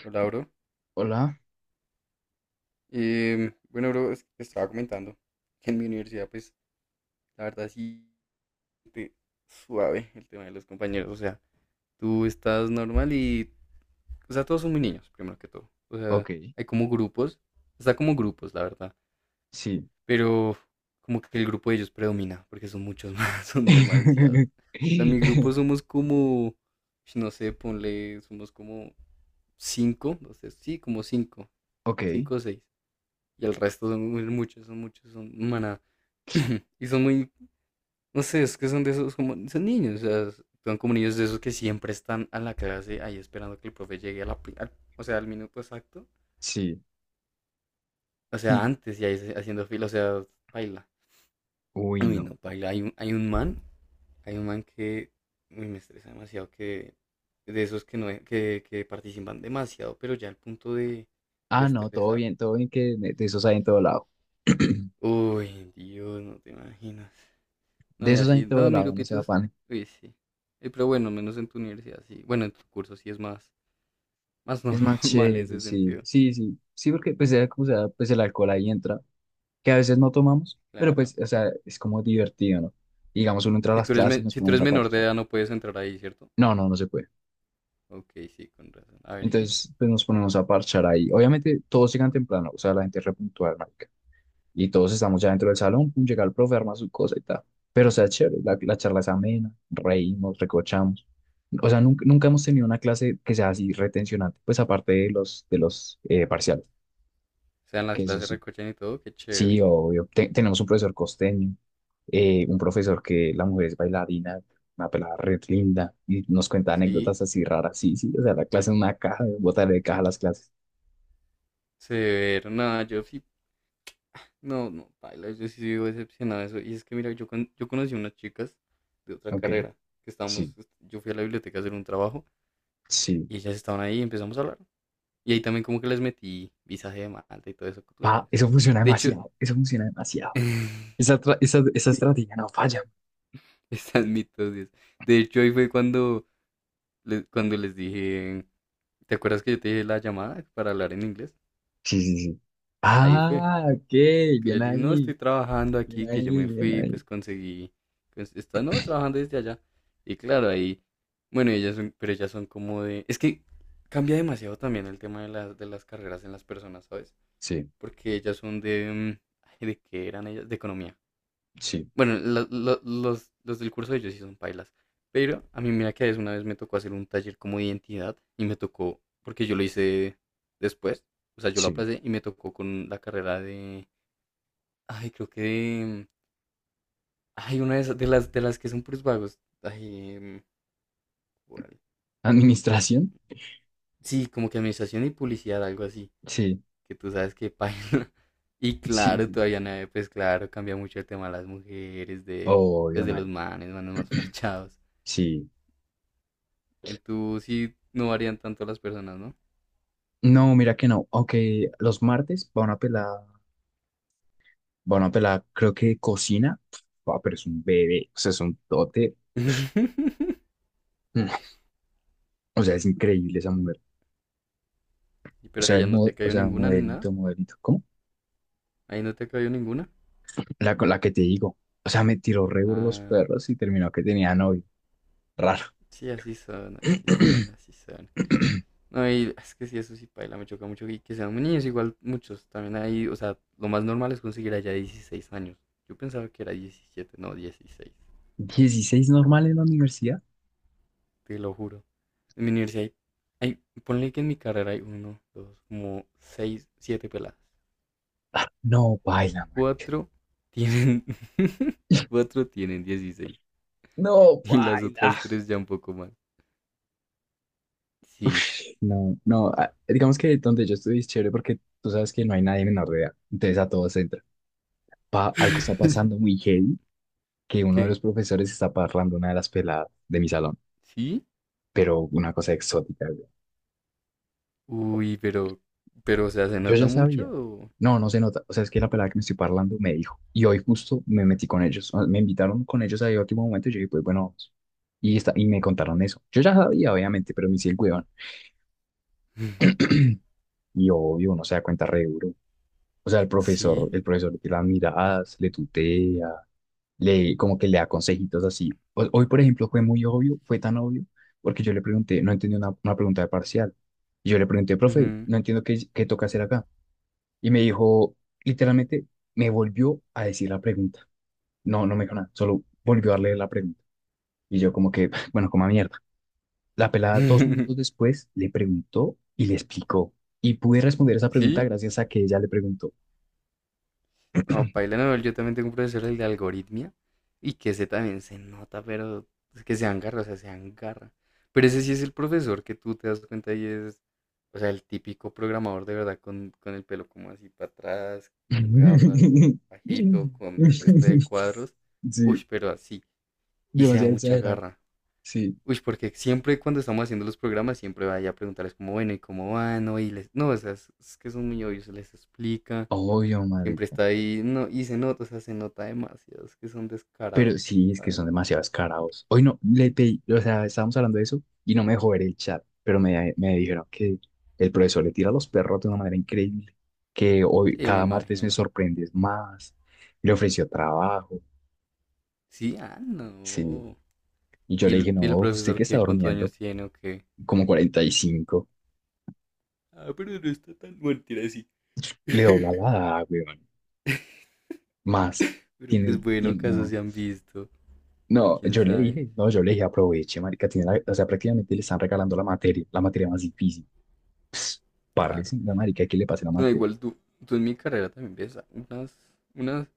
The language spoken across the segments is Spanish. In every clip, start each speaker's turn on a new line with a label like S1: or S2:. S1: Hola, bro.
S2: Hola,
S1: Bueno, bro, es que te estaba comentando que en mi universidad, pues, la verdad sí te suave el tema de los compañeros. O sea, tú estás normal y, o sea, todos son muy niños, primero que todo. O sea,
S2: ok,
S1: hay como grupos, está como grupos, la verdad.
S2: sí.
S1: Pero como que el grupo de ellos predomina, porque son muchos más, son demasiados. O sea, mi grupo somos como, no sé, ponle, somos como cinco, no sé, sí, como cinco,
S2: Ok,
S1: cinco o seis. Y el resto son muchos, son muchos, son manadas. Y son muy, no sé, es que son de esos como, son niños, o sea, son como niños de esos que siempre están a la clase ahí esperando que el profe llegue a o sea, al minuto exacto,
S2: sí.
S1: o sea, antes y ahí haciendo fila, o sea, baila.
S2: Uy,
S1: Uy,
S2: no.
S1: no, baila. Hay un man que, uy, me estresa demasiado, que de esos que no, que participan demasiado, pero ya al punto de
S2: Ah, no,
S1: estresar.
S2: todo bien que de esos hay en todo lado.
S1: Uy, Dios, no te imaginas. No,
S2: De
S1: y
S2: esos hay en
S1: así,
S2: todo
S1: todos mis
S2: lado, no se
S1: grupitos,
S2: afane.
S1: uy, sí. Pero bueno, menos en tu universidad, sí. Bueno, en tu curso sí es más
S2: Es más
S1: normal en
S2: chévere,
S1: ese
S2: sí,
S1: sentido.
S2: sí, sí. Sí, porque pues sea como sea, pues el alcohol ahí entra, que a veces no tomamos, pero
S1: Claro.
S2: pues, o sea, es como divertido, ¿no? Digamos, uno entra a
S1: Si
S2: las
S1: tú, eres
S2: clases y
S1: me-
S2: nos
S1: si tú eres
S2: ponemos a
S1: menor de
S2: parchar.
S1: edad no puedes entrar ahí, ¿cierto?
S2: No, no, no se puede.
S1: Ok, sí, con razón. A ver, ¿y qué? O
S2: Entonces, pues nos ponemos a parchar ahí. Obviamente, todos llegan temprano, o sea, la gente es repuntual, y todos estamos ya dentro del salón, pum, llega el profe, arma su cosa y tal. Pero o sea, chévere, la charla es amena, reímos, recochamos. O sea, nunca, nunca hemos tenido una clase que sea así retencionante, pues aparte de los parciales,
S1: sea, en las
S2: que eso
S1: clases
S2: sí.
S1: recochan y todo, qué
S2: Sí,
S1: chévere.
S2: obvio. Tenemos un profesor costeño, un profesor que la mujer es bailarina, una pelada red linda, y nos cuenta
S1: Sí,
S2: anécdotas así raras. Sí, sí, o sea, la clase es una caja, botar de caja las clases.
S1: severo. Nada, yo sí, no, no, paila, yo sí vivo decepcionado de eso. Y es que mira, yo conocí unas chicas de otra
S2: Ok,
S1: carrera que estábamos,
S2: sí,
S1: yo fui a la biblioteca a hacer un trabajo
S2: sí.
S1: y ellas estaban ahí y empezamos a hablar. Y ahí también como que les metí visaje de Malta y todo eso que tú sabes.
S2: Pa, eso funciona
S1: De hecho,
S2: demasiado, eso funciona demasiado. Esa
S1: sí,
S2: estrategia no falla.
S1: estás mitosis. De hecho, ahí fue cuando les dije, ¿te acuerdas que yo te dije la llamada para hablar en inglés?
S2: Sí, sí, sí.
S1: Ahí fue.
S2: Ah, ok,
S1: que Le
S2: bien
S1: dije, no,
S2: ahí,
S1: estoy trabajando aquí,
S2: bien
S1: que yo me
S2: ahí, bien
S1: fui,
S2: ahí.
S1: pues conseguí, pues, está, no, trabajando desde allá. Y claro, ahí, bueno, ellas son, pero ellas son como de, es que cambia demasiado también el tema de las carreras en las personas, ¿sabes?
S2: Sí,
S1: Porque ellas son de, ay, ¿de qué eran ellas? De economía.
S2: sí,
S1: Bueno, los del curso de ellos sí son pailas. Pero a mí, mira que a veces una vez me tocó hacer un taller como de identidad y me tocó, porque yo lo hice después, o sea, yo lo
S2: sí.
S1: aplacé y me tocó con la carrera de, ay, creo que de, ay, una de, de las que son puros vagos, ay, ¿cuál?
S2: ¿Administración?
S1: Sí, como que administración y publicidad, algo así,
S2: Sí,
S1: que tú sabes que paila. Y
S2: sí,
S1: claro,
S2: sí.
S1: todavía nadie, pues claro, cambia mucho el tema de las mujeres, de, pues
S2: Obvio,
S1: de los
S2: Mari.
S1: manes, más parchados.
S2: Sí.
S1: En tu sí no varían tanto las personas, ¿no?
S2: No, mira que no. Aunque los martes van a pelar, creo que cocina. Ah, pero es un bebé, o sea, es un tote. Mm. O sea, es increíble esa mujer.
S1: Y
S2: O
S1: Pero
S2: sea, el
S1: allá no te
S2: o
S1: cayó
S2: sea,
S1: ninguna ni nada.
S2: modelito, modelito. ¿Cómo?
S1: Ahí no te cayó ninguna.
S2: La, con la que te digo. O sea, me tiró re duro los
S1: Ah,
S2: perros y terminó que tenía novio. Raro.
S1: sí, así son, así son, así son. No, y es que sí, eso sí, paila, me choca mucho. Y que sean niños, igual muchos. También ahí, o sea, lo más normal es conseguir allá 16 años. Yo pensaba que era 17 no, 16.
S2: 16 normal en la universidad.
S1: Te lo juro. En mi universidad hay, ponle que en mi carrera hay uno, dos, como seis, siete peladas.
S2: No, baila, marica.
S1: cuatro tienen, Cuatro tienen 16
S2: No,
S1: y las
S2: baila.
S1: otras tres ya un poco más. Sí.
S2: No, no. Ah, digamos que donde yo estudié es chévere porque tú sabes que no hay nadie menor de edad. Entonces a todos entra. Pa- algo está pasando muy heavy que uno de
S1: ¿Qué?
S2: los profesores está parrando una de las peladas de mi salón.
S1: ¿Sí?
S2: Pero una cosa exótica.
S1: Uy, pero, o sea, ¿se
S2: Yo
S1: nota
S2: ya
S1: mucho?
S2: sabía.
S1: ¿O?
S2: No, no se nota. O sea, es que la pelada que me estoy parlando me dijo. Y hoy justo me metí con ellos. O sea, me invitaron con ellos ahí a último momento y yo dije, pues bueno, vamos. Y, está, y me contaron eso. Yo ya sabía, obviamente, pero me hice el huevón. Y obvio, uno se da cuenta re duro. O sea,
S1: ¿Sí?
S2: el profesor te las miradas, le tutea, le, como que le da consejitos así. Hoy, por ejemplo, fue muy obvio, fue tan obvio, porque yo le pregunté, no entendí una pregunta de parcial. Y yo le pregunté, profe,
S1: Ujú.
S2: no entiendo qué toca hacer acá. Y me dijo, literalmente, me volvió a decir la pregunta. No, no me dijo nada, solo volvió a leer la pregunta. Y yo como que, bueno, como a mierda. La pelada 2 minutos después le preguntó y le explicó. Y pude responder esa pregunta
S1: ¿Sí?
S2: gracias a que ella le preguntó.
S1: No, paila, no, yo también tengo un profesor el de algoritmia y que ese también se nota, pero es que se agarra, o sea, se agarra. Pero ese sí es el profesor que tú te das cuenta y es, o sea, el típico programador de verdad con el pelo como así para atrás, con gafas, bajito, con este de cuadros.
S2: Sí,
S1: Uy, pero así. Y se da
S2: demasiado
S1: mucha
S2: exagerado.
S1: garra.
S2: Sí,
S1: Uy, porque siempre cuando estamos haciendo los programas, siempre vaya a preguntarles como, bueno, ¿y cómo van? No, y les. No, o sea, es que son muy obvios, se les explica.
S2: obvio,
S1: Siempre
S2: marica.
S1: está ahí, no, y se nota, o sea, se nota demasiado, es que son
S2: Pero
S1: descarados,
S2: sí, es
S1: la
S2: que son
S1: verdad.
S2: demasiado carados. Hoy no, le pedí, o sea, estábamos hablando de eso y no me dejó ver el chat, pero me dijeron que el profesor le tira a los perros de una manera increíble, que hoy,
S1: Sí, me
S2: cada martes me
S1: imagino.
S2: sorprendes más. Le ofreció trabajo,
S1: Sí, ah,
S2: sí.
S1: no.
S2: Y yo
S1: ¿Y
S2: le
S1: el,
S2: dije, no,
S1: y el
S2: usted
S1: profesor
S2: que está
S1: qué? ¿Cuántos años
S2: durmiendo,
S1: tiene o qué?
S2: como 45,
S1: Ah, pero no está tan mentira así.
S2: le dobla la edad, weón. Más,
S1: Pero
S2: tiene,
S1: pues bueno,
S2: tiene,
S1: casos
S2: no,
S1: se han visto,
S2: no,
S1: quién
S2: yo le
S1: sabe.
S2: dije, no, yo le dije, aproveche, marica, tiene la- o sea, prácticamente le están regalando la materia más difícil. Parle
S1: Claro.
S2: sí, la marica, ¿qué le pasa a la
S1: No,
S2: materia?
S1: igual tú en mi carrera también ves unas,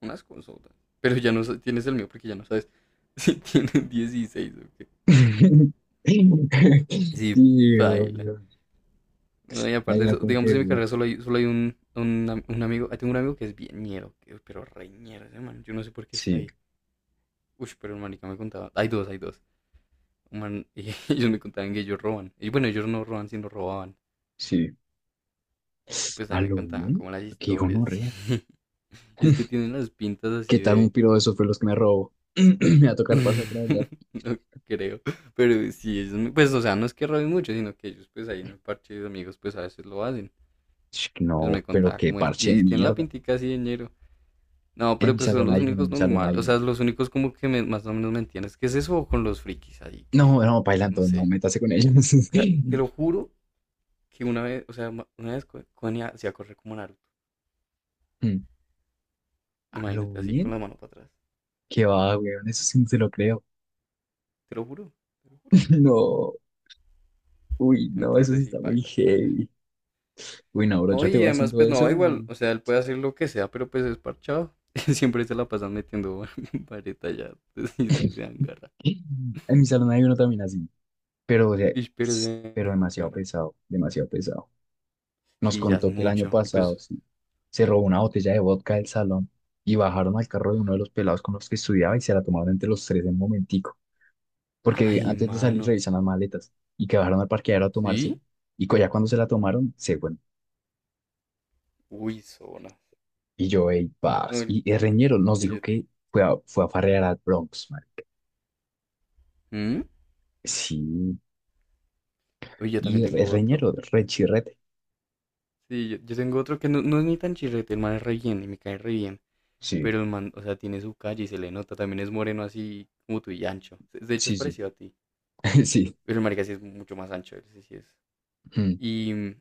S1: unas consultas. Pero ya no tienes el mío porque ya no sabes si tienen 16 o qué. Sí,
S2: Sí,
S1: baila.
S2: obvio.
S1: No, y aparte,
S2: Ahí
S1: de
S2: no
S1: eso,
S2: como
S1: digamos,
S2: que
S1: en mi
S2: duda.
S1: carrera solo hay un amigo. Ahí tengo un amigo que es bien ñero, pero reñero ese man. Yo no sé por qué está
S2: Sí,
S1: ahí. Uy, pero el marica me contaba. Hay dos, hay dos. Un man, y ellos me contaban que ellos roban. Y bueno, ellos no roban, sino robaban.
S2: sí.
S1: Y pues ahí
S2: ¿A
S1: me
S2: lo
S1: contaban
S2: bien?
S1: como las
S2: Qué
S1: historias.
S2: gonorrea.
S1: Y es que tienen las pintas
S2: ¿Qué
S1: así
S2: tal un
S1: de.
S2: piro de esos fue los que me robó? Me va a tocar pasar por allá.
S1: No creo. Pero sí, ellos, pues, o sea, no es que roben mucho, sino que ellos, pues ahí en el parche de amigos, pues a veces lo hacen.
S2: Sh,
S1: Y pues
S2: no,
S1: me
S2: pero
S1: contaba
S2: qué
S1: cómo es.
S2: parche de
S1: Y tienen la
S2: mierda.
S1: pintica así de ñero. No,
S2: En
S1: pero
S2: mi
S1: pues son
S2: salón
S1: los
S2: hay uno, en
S1: únicos
S2: mi salón
S1: normales,
S2: hay
S1: o sea,
S2: uno.
S1: los únicos como que más o menos me entiendes. ¿Qué es eso con los frikis ahí? Que,
S2: No, no,
S1: no
S2: bailando, no,
S1: sé.
S2: métase con ellos.
S1: O sea, te lo juro que una vez, o sea, una vez Connie hacía correr como Naruto.
S2: Mm. ¿A lo
S1: Imagínate, así con
S2: bien?
S1: la mano para atrás.
S2: ¿Qué va, weón? Eso sí no se lo creo.
S1: Te lo juro, te lo juro.
S2: No, uy, no, eso sí
S1: Entonces sí,
S2: está muy
S1: paila, paila.
S2: heavy. Uy, no, bro,
S1: No,
S2: yo te
S1: y
S2: voy
S1: además,
S2: haciendo
S1: pues
S2: eso
S1: no, igual,
S2: y
S1: o sea, él puede hacer lo que sea, pero pues es parchado. Siempre se la pasan metiendo vareta ya, entonces es que se dan garra.
S2: en mi salón hay uno también así, pero, o sea,
S1: Ish, pero se
S2: pero
S1: dan
S2: demasiado
S1: garra.
S2: pesado, demasiado pesado. Nos
S1: Sí, ya es
S2: contó que el año
S1: mucho. Y
S2: pasado,
S1: pues,
S2: sí, se robó una botella de vodka del salón y bajaron al carro de uno de los pelados con los que estudiaba y se la tomaron entre los tres en un momentico, porque
S1: ay,
S2: antes de salir
S1: mano.
S2: revisan las maletas y que bajaron al parqueadero a tomársela.
S1: ¿Sí?
S2: Y ya cuando se la tomaron, se fueron.
S1: Uy, zona.
S2: Y yo, ey,
S1: No,
S2: paz.
S1: el
S2: Y el reñero nos
S1: que
S2: dijo
S1: yo.
S2: que fue a farrear al Bronx, man.
S1: ¿Mm?
S2: Sí,
S1: Uy, yo también
S2: y el,
S1: tengo
S2: el
S1: otro.
S2: reñero, rechirrete.
S1: Sí, yo tengo otro que no, no es ni tan chirrete, el man es re bien y me cae re bien.
S2: Sí,
S1: Pero el man, o sea, tiene su calle y se le nota. También es moreno así como tú y ancho. De hecho, es
S2: sí, sí,
S1: parecido a ti.
S2: sí.
S1: Pero el marica sí es mucho más ancho, él sí, sí es. Y,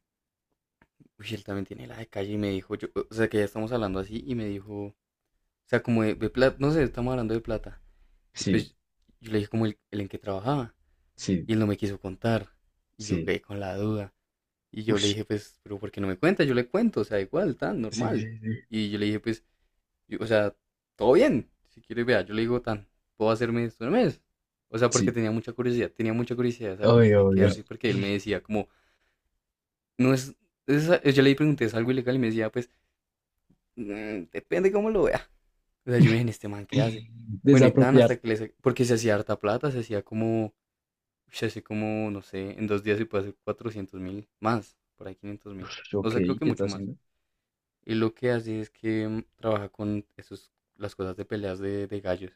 S1: uy, él también tiene la de calle y me dijo, yo, o sea, que ya estamos hablando así y me dijo, o sea, como de, plata, no sé, estamos hablando de plata. Y
S2: うん。Sí,
S1: pues yo le dije como el en que trabajaba
S2: sí,
S1: y él no me quiso contar. Y
S2: sí.
S1: yo
S2: Sí.
S1: quedé con la duda. Y yo le
S2: Ush,
S1: dije, pues, pero ¿por qué no me cuenta? Yo le cuento, o sea, igual, tan
S2: sí,
S1: normal.
S2: sí, sí.
S1: Y yo le dije, pues, o sea, todo bien. Si quiere, vea, yo le digo, tan, puedo hacerme esto en el mes. O sea, porque
S2: Sí.
S1: tenía mucha curiosidad de saber
S2: Obvio,
S1: qué,
S2: obvio.
S1: hace, porque él me decía, como, no es, yo le pregunté, ¿es algo ilegal? Y me decía, pues, depende cómo lo vea. O sea, yo me dije, ¿este man qué hace? Bueno, y tan
S2: Desapropiar.
S1: hasta que porque se hacía harta plata, se hacía como, no sé, en 2 días se puede hacer 400.000 más, por ahí 500.000.
S2: Ush, ok,
S1: O sea, creo que
S2: ¿qué está
S1: mucho más.
S2: haciendo?
S1: Y lo que hace es que trabaja con esos, las cosas de peleas de gallos.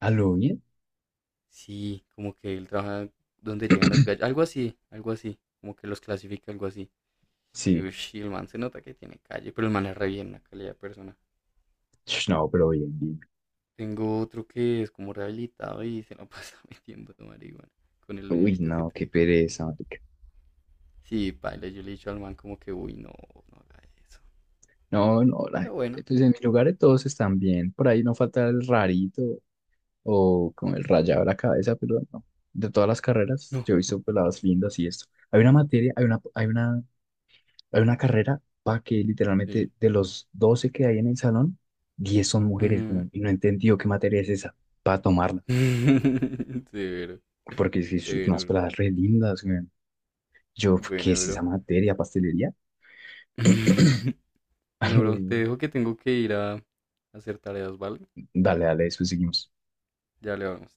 S2: ¿A lo bien?
S1: Sí, como que él trabaja donde llegan los gallos. Algo así, algo así. Como que los clasifica, algo así.
S2: Sí.
S1: Ush, y el man se nota que tiene calle, pero el man es re bien, una calidad de persona.
S2: Ush, no, pero bien, bien.
S1: Tengo otro que es como rehabilitado y se lo pasa metiendo de marihuana con el
S2: Uy,
S1: dinerito que
S2: no,
S1: te
S2: qué
S1: digo.
S2: pereza, marica.
S1: Sí, paila, yo le he dicho al man como que, uy, no, no haga eso.
S2: No, no,
S1: Pero bueno,
S2: pues en mi lugar todos están bien. Por ahí no falta el rarito o con el rayado de la cabeza, pero no. De todas las carreras,
S1: no.
S2: yo he visto peladas lindas y esto. Hay una materia, hay una, hay una Hay una carrera para que literalmente
S1: Sí.
S2: de los 12 que hay en el salón, 10 son mujeres,
S1: Ujú.
S2: weón, y no he entendido qué materia es esa para tomarla,
S1: Severo.
S2: porque si es que son unas
S1: Severo, bro.
S2: peladas re lindas, weón. Yo, ¿qué
S1: Bueno,
S2: es esa
S1: bro.
S2: materia? ¿Pastelería?
S1: Bueno, bro, te dejo que tengo que ir a hacer tareas, ¿vale?
S2: Dale, dale, después seguimos.
S1: Ya le vamos.